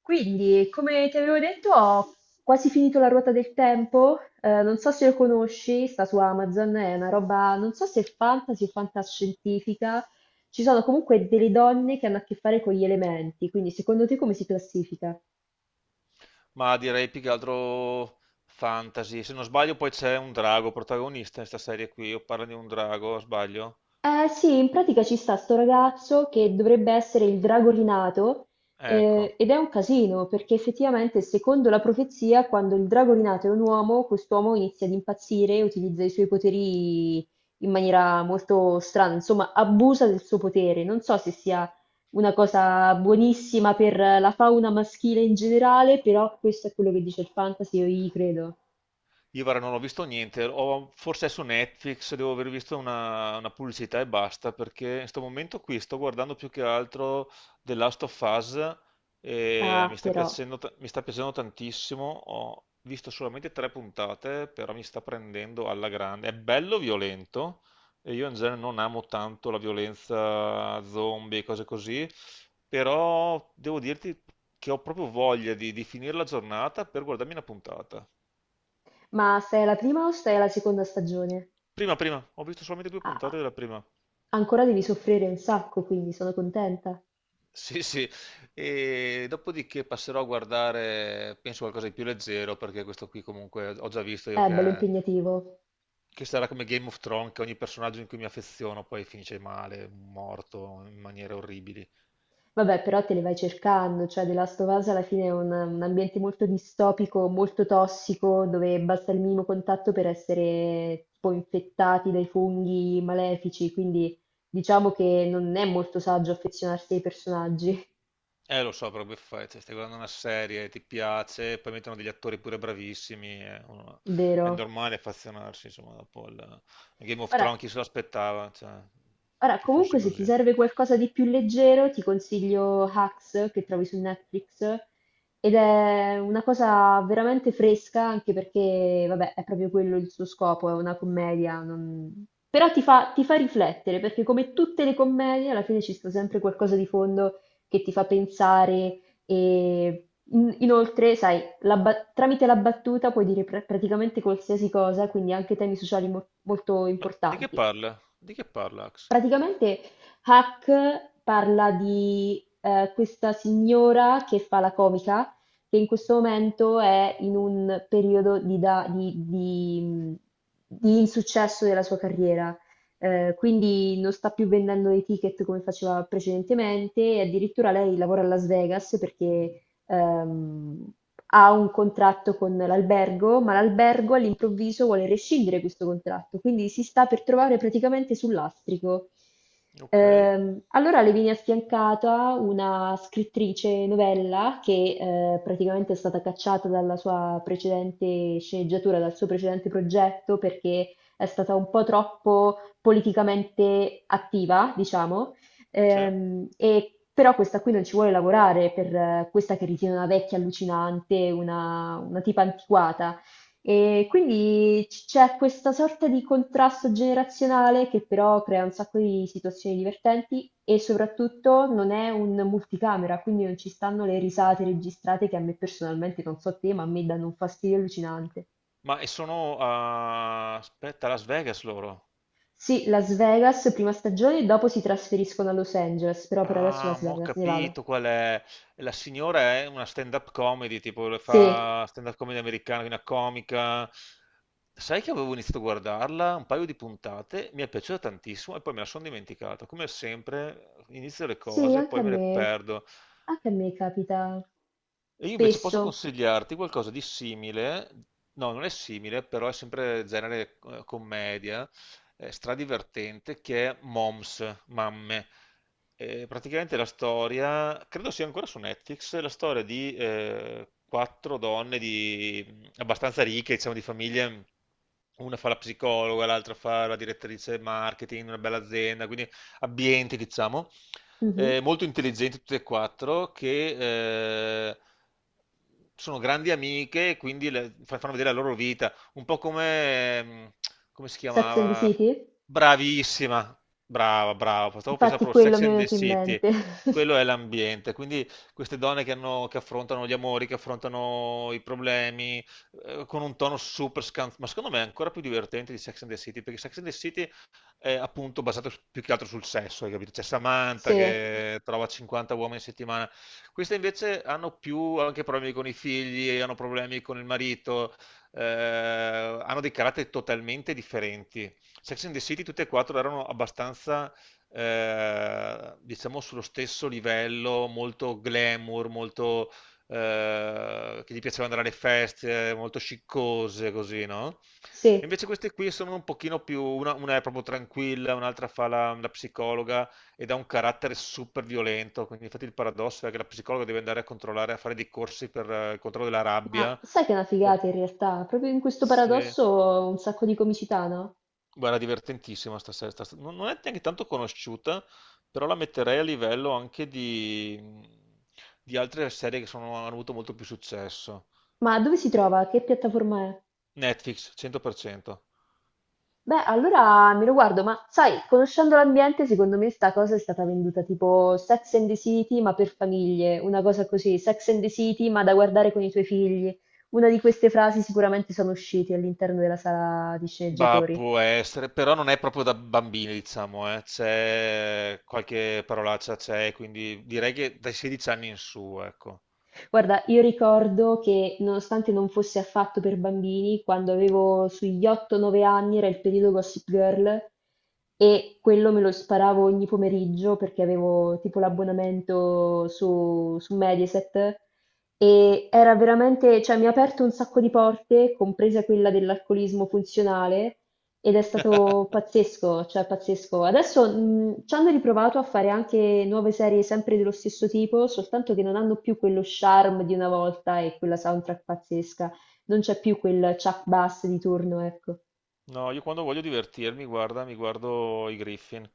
Quindi, come ti avevo detto, ho quasi finito La ruota del tempo. Non so se lo conosci, sta su Amazon, è una roba, non so se è fantasy o fantascientifica. Ci sono comunque delle donne che hanno a che fare con gli elementi, quindi secondo te come si classifica? Ma direi più che altro fantasy. Se non sbaglio, poi c'è un drago protagonista in questa serie qui. O parla di un drago, sbaglio? Eh sì, in pratica ci sta sto ragazzo che dovrebbe essere il drago rinato, Ecco. Ed è un casino perché effettivamente secondo la profezia quando il drago rinato è un uomo, quest'uomo inizia ad impazzire e utilizza i suoi poteri in maniera molto strana, insomma abusa del suo potere. Non so se sia una cosa buonissima per la fauna maschile in generale, però questo è quello che dice il fantasy, io gli credo. Io guarda, non ho visto niente, forse è su Netflix, devo aver visto una pubblicità e basta, perché in questo momento qui sto guardando più che altro The Last of Us e Ah, però. Mi sta piacendo tantissimo, ho visto solamente tre puntate, però mi sta prendendo alla grande. È bello violento e io in genere non amo tanto la violenza zombie e cose così, però devo dirti che ho proprio voglia di finire la giornata per guardarmi una puntata. Ma stai alla prima o stai alla seconda stagione? Prima, prima, ho visto solamente due Ah, puntate della prima. ancora devi soffrire un sacco, quindi sono contenta. Sì, sì, e dopodiché passerò a guardare, penso qualcosa di più leggero, perché questo qui comunque ho già visto io È bello impegnativo. che sarà come Game of Thrones, che ogni personaggio in cui mi affeziono poi finisce male, morto in maniere orribili. Vabbè, però te le vai cercando, cioè The Last of Us alla fine è un ambiente molto distopico, molto tossico, dove basta il minimo contatto per essere tipo infettati dai funghi malefici, quindi diciamo che non è molto saggio affezionarsi ai personaggi. Lo so, però che fai? Cioè, stai guardando una serie, ti piace, poi mettono degli attori pure bravissimi, è Vero? normale affezionarsi, insomma, dopo il Game of Ora, Thrones chi se l'aspettava, cioè, Ora, che comunque, fosse se ti così. serve qualcosa di più leggero, ti consiglio Hacks che trovi su Netflix ed è una cosa veramente fresca, anche perché, vabbè, è proprio quello il suo scopo, è una commedia. Però ti fa riflettere, perché come tutte le commedie, alla fine ci sta sempre qualcosa di fondo che ti fa pensare e inoltre, sai, tramite la battuta puoi dire praticamente qualsiasi cosa, quindi anche temi sociali molto Ma di che importanti. parla? Di che parla Axe? Praticamente Hack parla di questa signora che fa la comica, che in questo momento è in un periodo di, da- di insuccesso della sua carriera. Quindi non sta più vendendo i ticket come faceva precedentemente e addirittura lei lavora a Las Vegas perché ehm, ha un contratto con l'albergo, ma l'albergo all'improvviso vuole rescindere questo contratto, quindi si sta per trovare praticamente sul lastrico. Ok, Allora le viene affiancata una scrittrice novella che, praticamente è stata cacciata dalla sua precedente sceneggiatura, dal suo precedente progetto perché è stata un po' troppo politicamente attiva, diciamo. sì. Però questa qui non ci vuole lavorare per, questa che ritiene una vecchia allucinante, una tipa antiquata. E quindi c'è questa sorta di contrasto generazionale che però crea un sacco di situazioni divertenti e soprattutto non è un multicamera, quindi non ci stanno le risate registrate che a me personalmente, non so te, ma a me danno un fastidio allucinante. Ma e sono aspetta, a Las Vegas loro. Sì, Las Vegas, prima stagione, dopo si trasferiscono a Los Angeles, però per adesso Ah, Las ma ho Vegas, Nevada. capito qual è. La signora è una stand-up comedy, tipo le Sì. fa stand-up comedy americana, è una comica. Sai che avevo iniziato a guardarla un paio di puntate, mi è piaciuta tantissimo e poi me la sono dimenticata. Come sempre, inizio le Sì, cose e anche a poi me le me, perdo. Anche a me capita E io invece posso spesso. consigliarti qualcosa di simile, no, non è simile, però è sempre genere commedia, stradivertente, che è Moms, Mamme. Praticamente la storia, credo sia ancora su Netflix, la storia di quattro donne di, abbastanza ricche, diciamo di famiglie, una fa la psicologa, l'altra fa la direttrice marketing, una bella azienda, quindi ambienti, diciamo Mhm. Molto intelligenti tutte e quattro, che sono grandi amiche, e quindi fanno vedere la loro vita, un po' come, come si Sex and the chiamava? City? Bravissima, brava, brava, stavo pensando Infatti proprio a quello Sex mi è and the venuto in City, mente. quello è l'ambiente, quindi queste donne che affrontano gli amori, che affrontano i problemi, con un tono super scanzonato, ma secondo me è ancora più divertente di Sex and the City, perché Sex and the City è appunto basato più che altro sul sesso, hai capito? C'è Samantha Sì, che trova 50 uomini a settimana. Queste invece hanno più anche problemi con i figli, hanno problemi con il marito, hanno dei caratteri totalmente differenti. Sex and the City tutte e quattro erano abbastanza, diciamo, sullo stesso livello, molto glamour, che gli piaceva andare alle feste, molto sciccose, così, no? sì, Invece queste qui sono un pochino più, una è proprio tranquilla, un'altra fa la psicologa ed ha un carattere super violento, quindi infatti il paradosso è che la psicologa deve andare a controllare, a fare dei corsi per il controllo della ma rabbia. sai che è una Perché figata in realtà? Proprio in questo se... paradosso un sacco di comicità, no? Guarda, divertentissima sta serie, non è neanche tanto conosciuta, però la metterei a livello anche di altre serie che hanno avuto molto più successo. Ma dove si trova? Che piattaforma è? Netflix, 100%. Beh, allora me lo guardo, ma sai, conoscendo l'ambiente, secondo me sta cosa è stata venduta tipo Sex and the City, ma per famiglie, una cosa così, Sex and the City, ma da guardare con i tuoi figli. Una di queste frasi sicuramente sono uscite all'interno della sala di Bah, sceneggiatori. può essere, però non è proprio da bambini, diciamo, eh. C'è qualche parolaccia, c'è, quindi direi che dai 16 anni in su, ecco. Guarda, io ricordo che nonostante non fosse affatto per bambini, quando avevo sugli 8-9 anni era il periodo Gossip Girl e quello me lo sparavo ogni pomeriggio perché avevo tipo l'abbonamento su Mediaset e era veramente, cioè mi ha aperto un sacco di porte, compresa quella dell'alcolismo funzionale ed è stato pazzesco, cioè pazzesco. Adesso ci hanno riprovato a fare anche nuove serie sempre dello stesso tipo, soltanto che non hanno più quello charm di una volta e quella soundtrack pazzesca. Non c'è più quel Chuck Bass di turno, ecco. No, io quando voglio divertirmi, guarda, mi guardo i Griffin.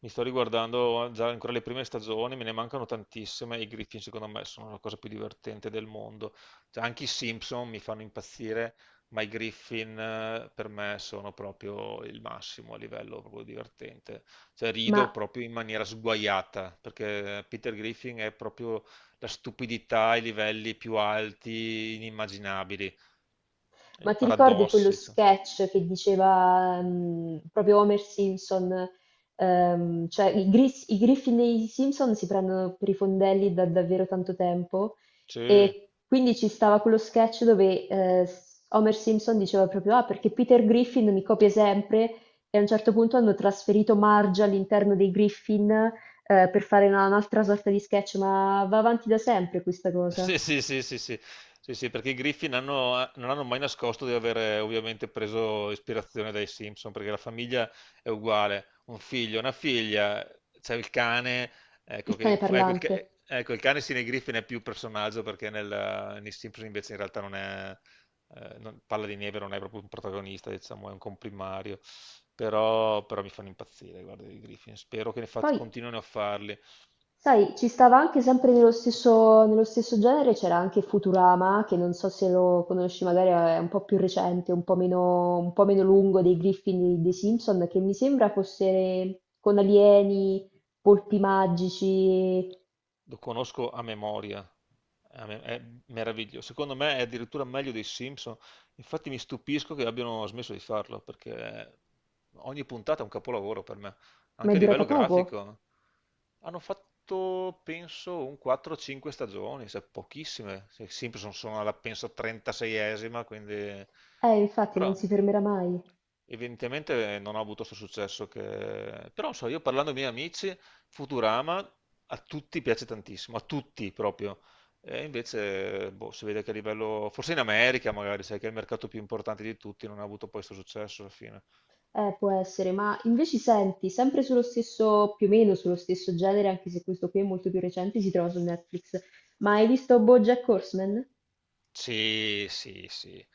Mi sto riguardando già ancora le prime stagioni, me ne mancano tantissime. I Griffin, secondo me, sono la cosa più divertente del mondo. Cioè, anche i Simpson mi fanno impazzire, ma i Griffin per me sono proprio il massimo a livello proprio divertente. Cioè, Ma rido proprio in maniera sguaiata, perché Peter Griffin è proprio la stupidità ai livelli più alti, inimmaginabili. I Ma ti ricordi quello paradossi, cioè. sketch che diceva proprio Homer Simpson? Cioè i Griffin e i Simpson si prendono per i fondelli da davvero tanto tempo Sì. e quindi ci stava quello sketch dove, Homer Simpson diceva proprio: ah, perché Peter Griffin mi copia sempre, e a un certo punto hanno trasferito Marge all'interno dei Griffin, per fare un'altra sorta di sketch, ma va avanti da sempre questa cosa, Sì, sì, sì, sì, sì, sì, sì, perché i Griffin non hanno mai nascosto di aver ovviamente preso ispirazione dai Simpson, perché la famiglia è uguale, un figlio, una figlia, c'è il cane, ecco, il cane che, ecco, il, ca- parlante. ecco, il cane sì nei Griffin è più personaggio perché nei Simpson invece in realtà non è, Palla di Neve non è proprio un protagonista, diciamo, è un comprimario, però mi fanno impazzire, guarda, i Griffin, spero che ne Poi continuino a farli. Sai, ci stava anche sempre nello stesso genere, c'era anche Futurama, che non so se lo conosci, magari è un po' più recente, un po' meno lungo dei Griffin e dei Simpson, che mi sembra fosse con alieni, polpi magici, Lo conosco a memoria. È meraviglioso. Secondo me è addirittura meglio dei Simpson. Infatti mi stupisco che abbiano smesso di farlo, perché ogni puntata è un capolavoro per me ma è anche a durata livello poco. grafico. Hanno fatto, penso, un 4-5 stagioni, cioè pochissime. Simpson sono alla, penso, 36esima, quindi... Infatti non Però si fermerà mai. evidentemente non ha avuto questo successo che... Però, non so, io parlando ai miei amici, Futurama a tutti piace tantissimo, a tutti proprio. E invece, boh, si vede che a livello... Forse in America magari, sai che è il mercato più importante di tutti, non ha avuto poi questo successo alla fine. Può essere, ma invece senti, sempre sullo stesso, più o meno sullo stesso genere, anche se questo qui è molto più recente, si trova su Netflix. Ma hai visto BoJack Horseman? Sì, sì, sì.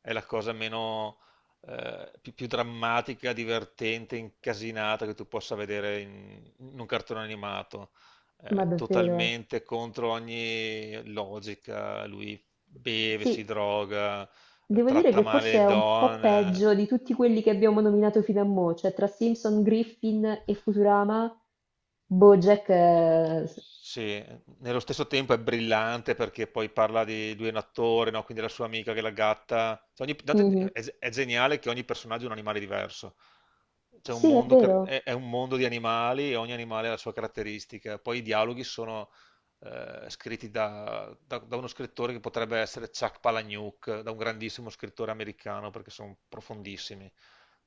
È la cosa più drammatica, divertente, incasinata che tu possa vedere in un cartone animato, Ma davvero, eh. totalmente contro ogni logica. Lui beve, si Sì, droga, devo dire tratta che male forse le è un po' donne. peggio di tutti quelli che abbiamo nominato fino a mo', cioè tra Simpson, Griffin e Futurama, BoJack... eh, s- Sì, nello stesso tempo è brillante perché poi parla di lui è un attore, no? Quindi la sua amica che è la gatta. Cioè, tanto mhm. è geniale che ogni personaggio è un animale diverso. C'è un Sì, è mondo, vero. è un mondo di animali e ogni animale ha la sua caratteristica. Poi i dialoghi sono scritti da uno scrittore che potrebbe essere Chuck Palahniuk, da un grandissimo scrittore americano, perché sono profondissimi.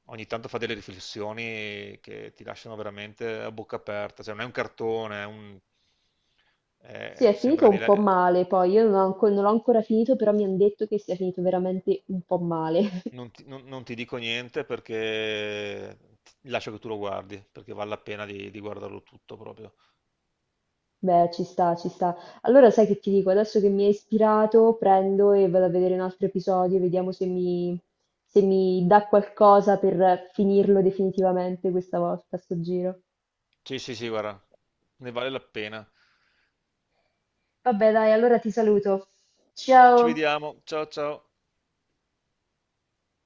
Ogni tanto fa delle riflessioni che ti lasciano veramente a bocca aperta, cioè non è un cartone. Sì, eh, è finito sembra di... un po' le- male, poi io non ho non l'ho ancora finito, però mi hanno detto che sia finito veramente un po' male. non ti dico niente perché lascio che tu lo guardi, perché vale la pena di guardarlo tutto proprio. Beh, ci sta, ci sta. Allora sai che ti dico, adesso che mi hai ispirato, prendo e vado a vedere un altro episodio, vediamo se mi dà qualcosa per finirlo definitivamente questa volta, sto giro. Sì, sì, sì, guarda, ne vale la pena. Vabbè dai, allora ti saluto. Ci Ciao! vediamo, ciao ciao.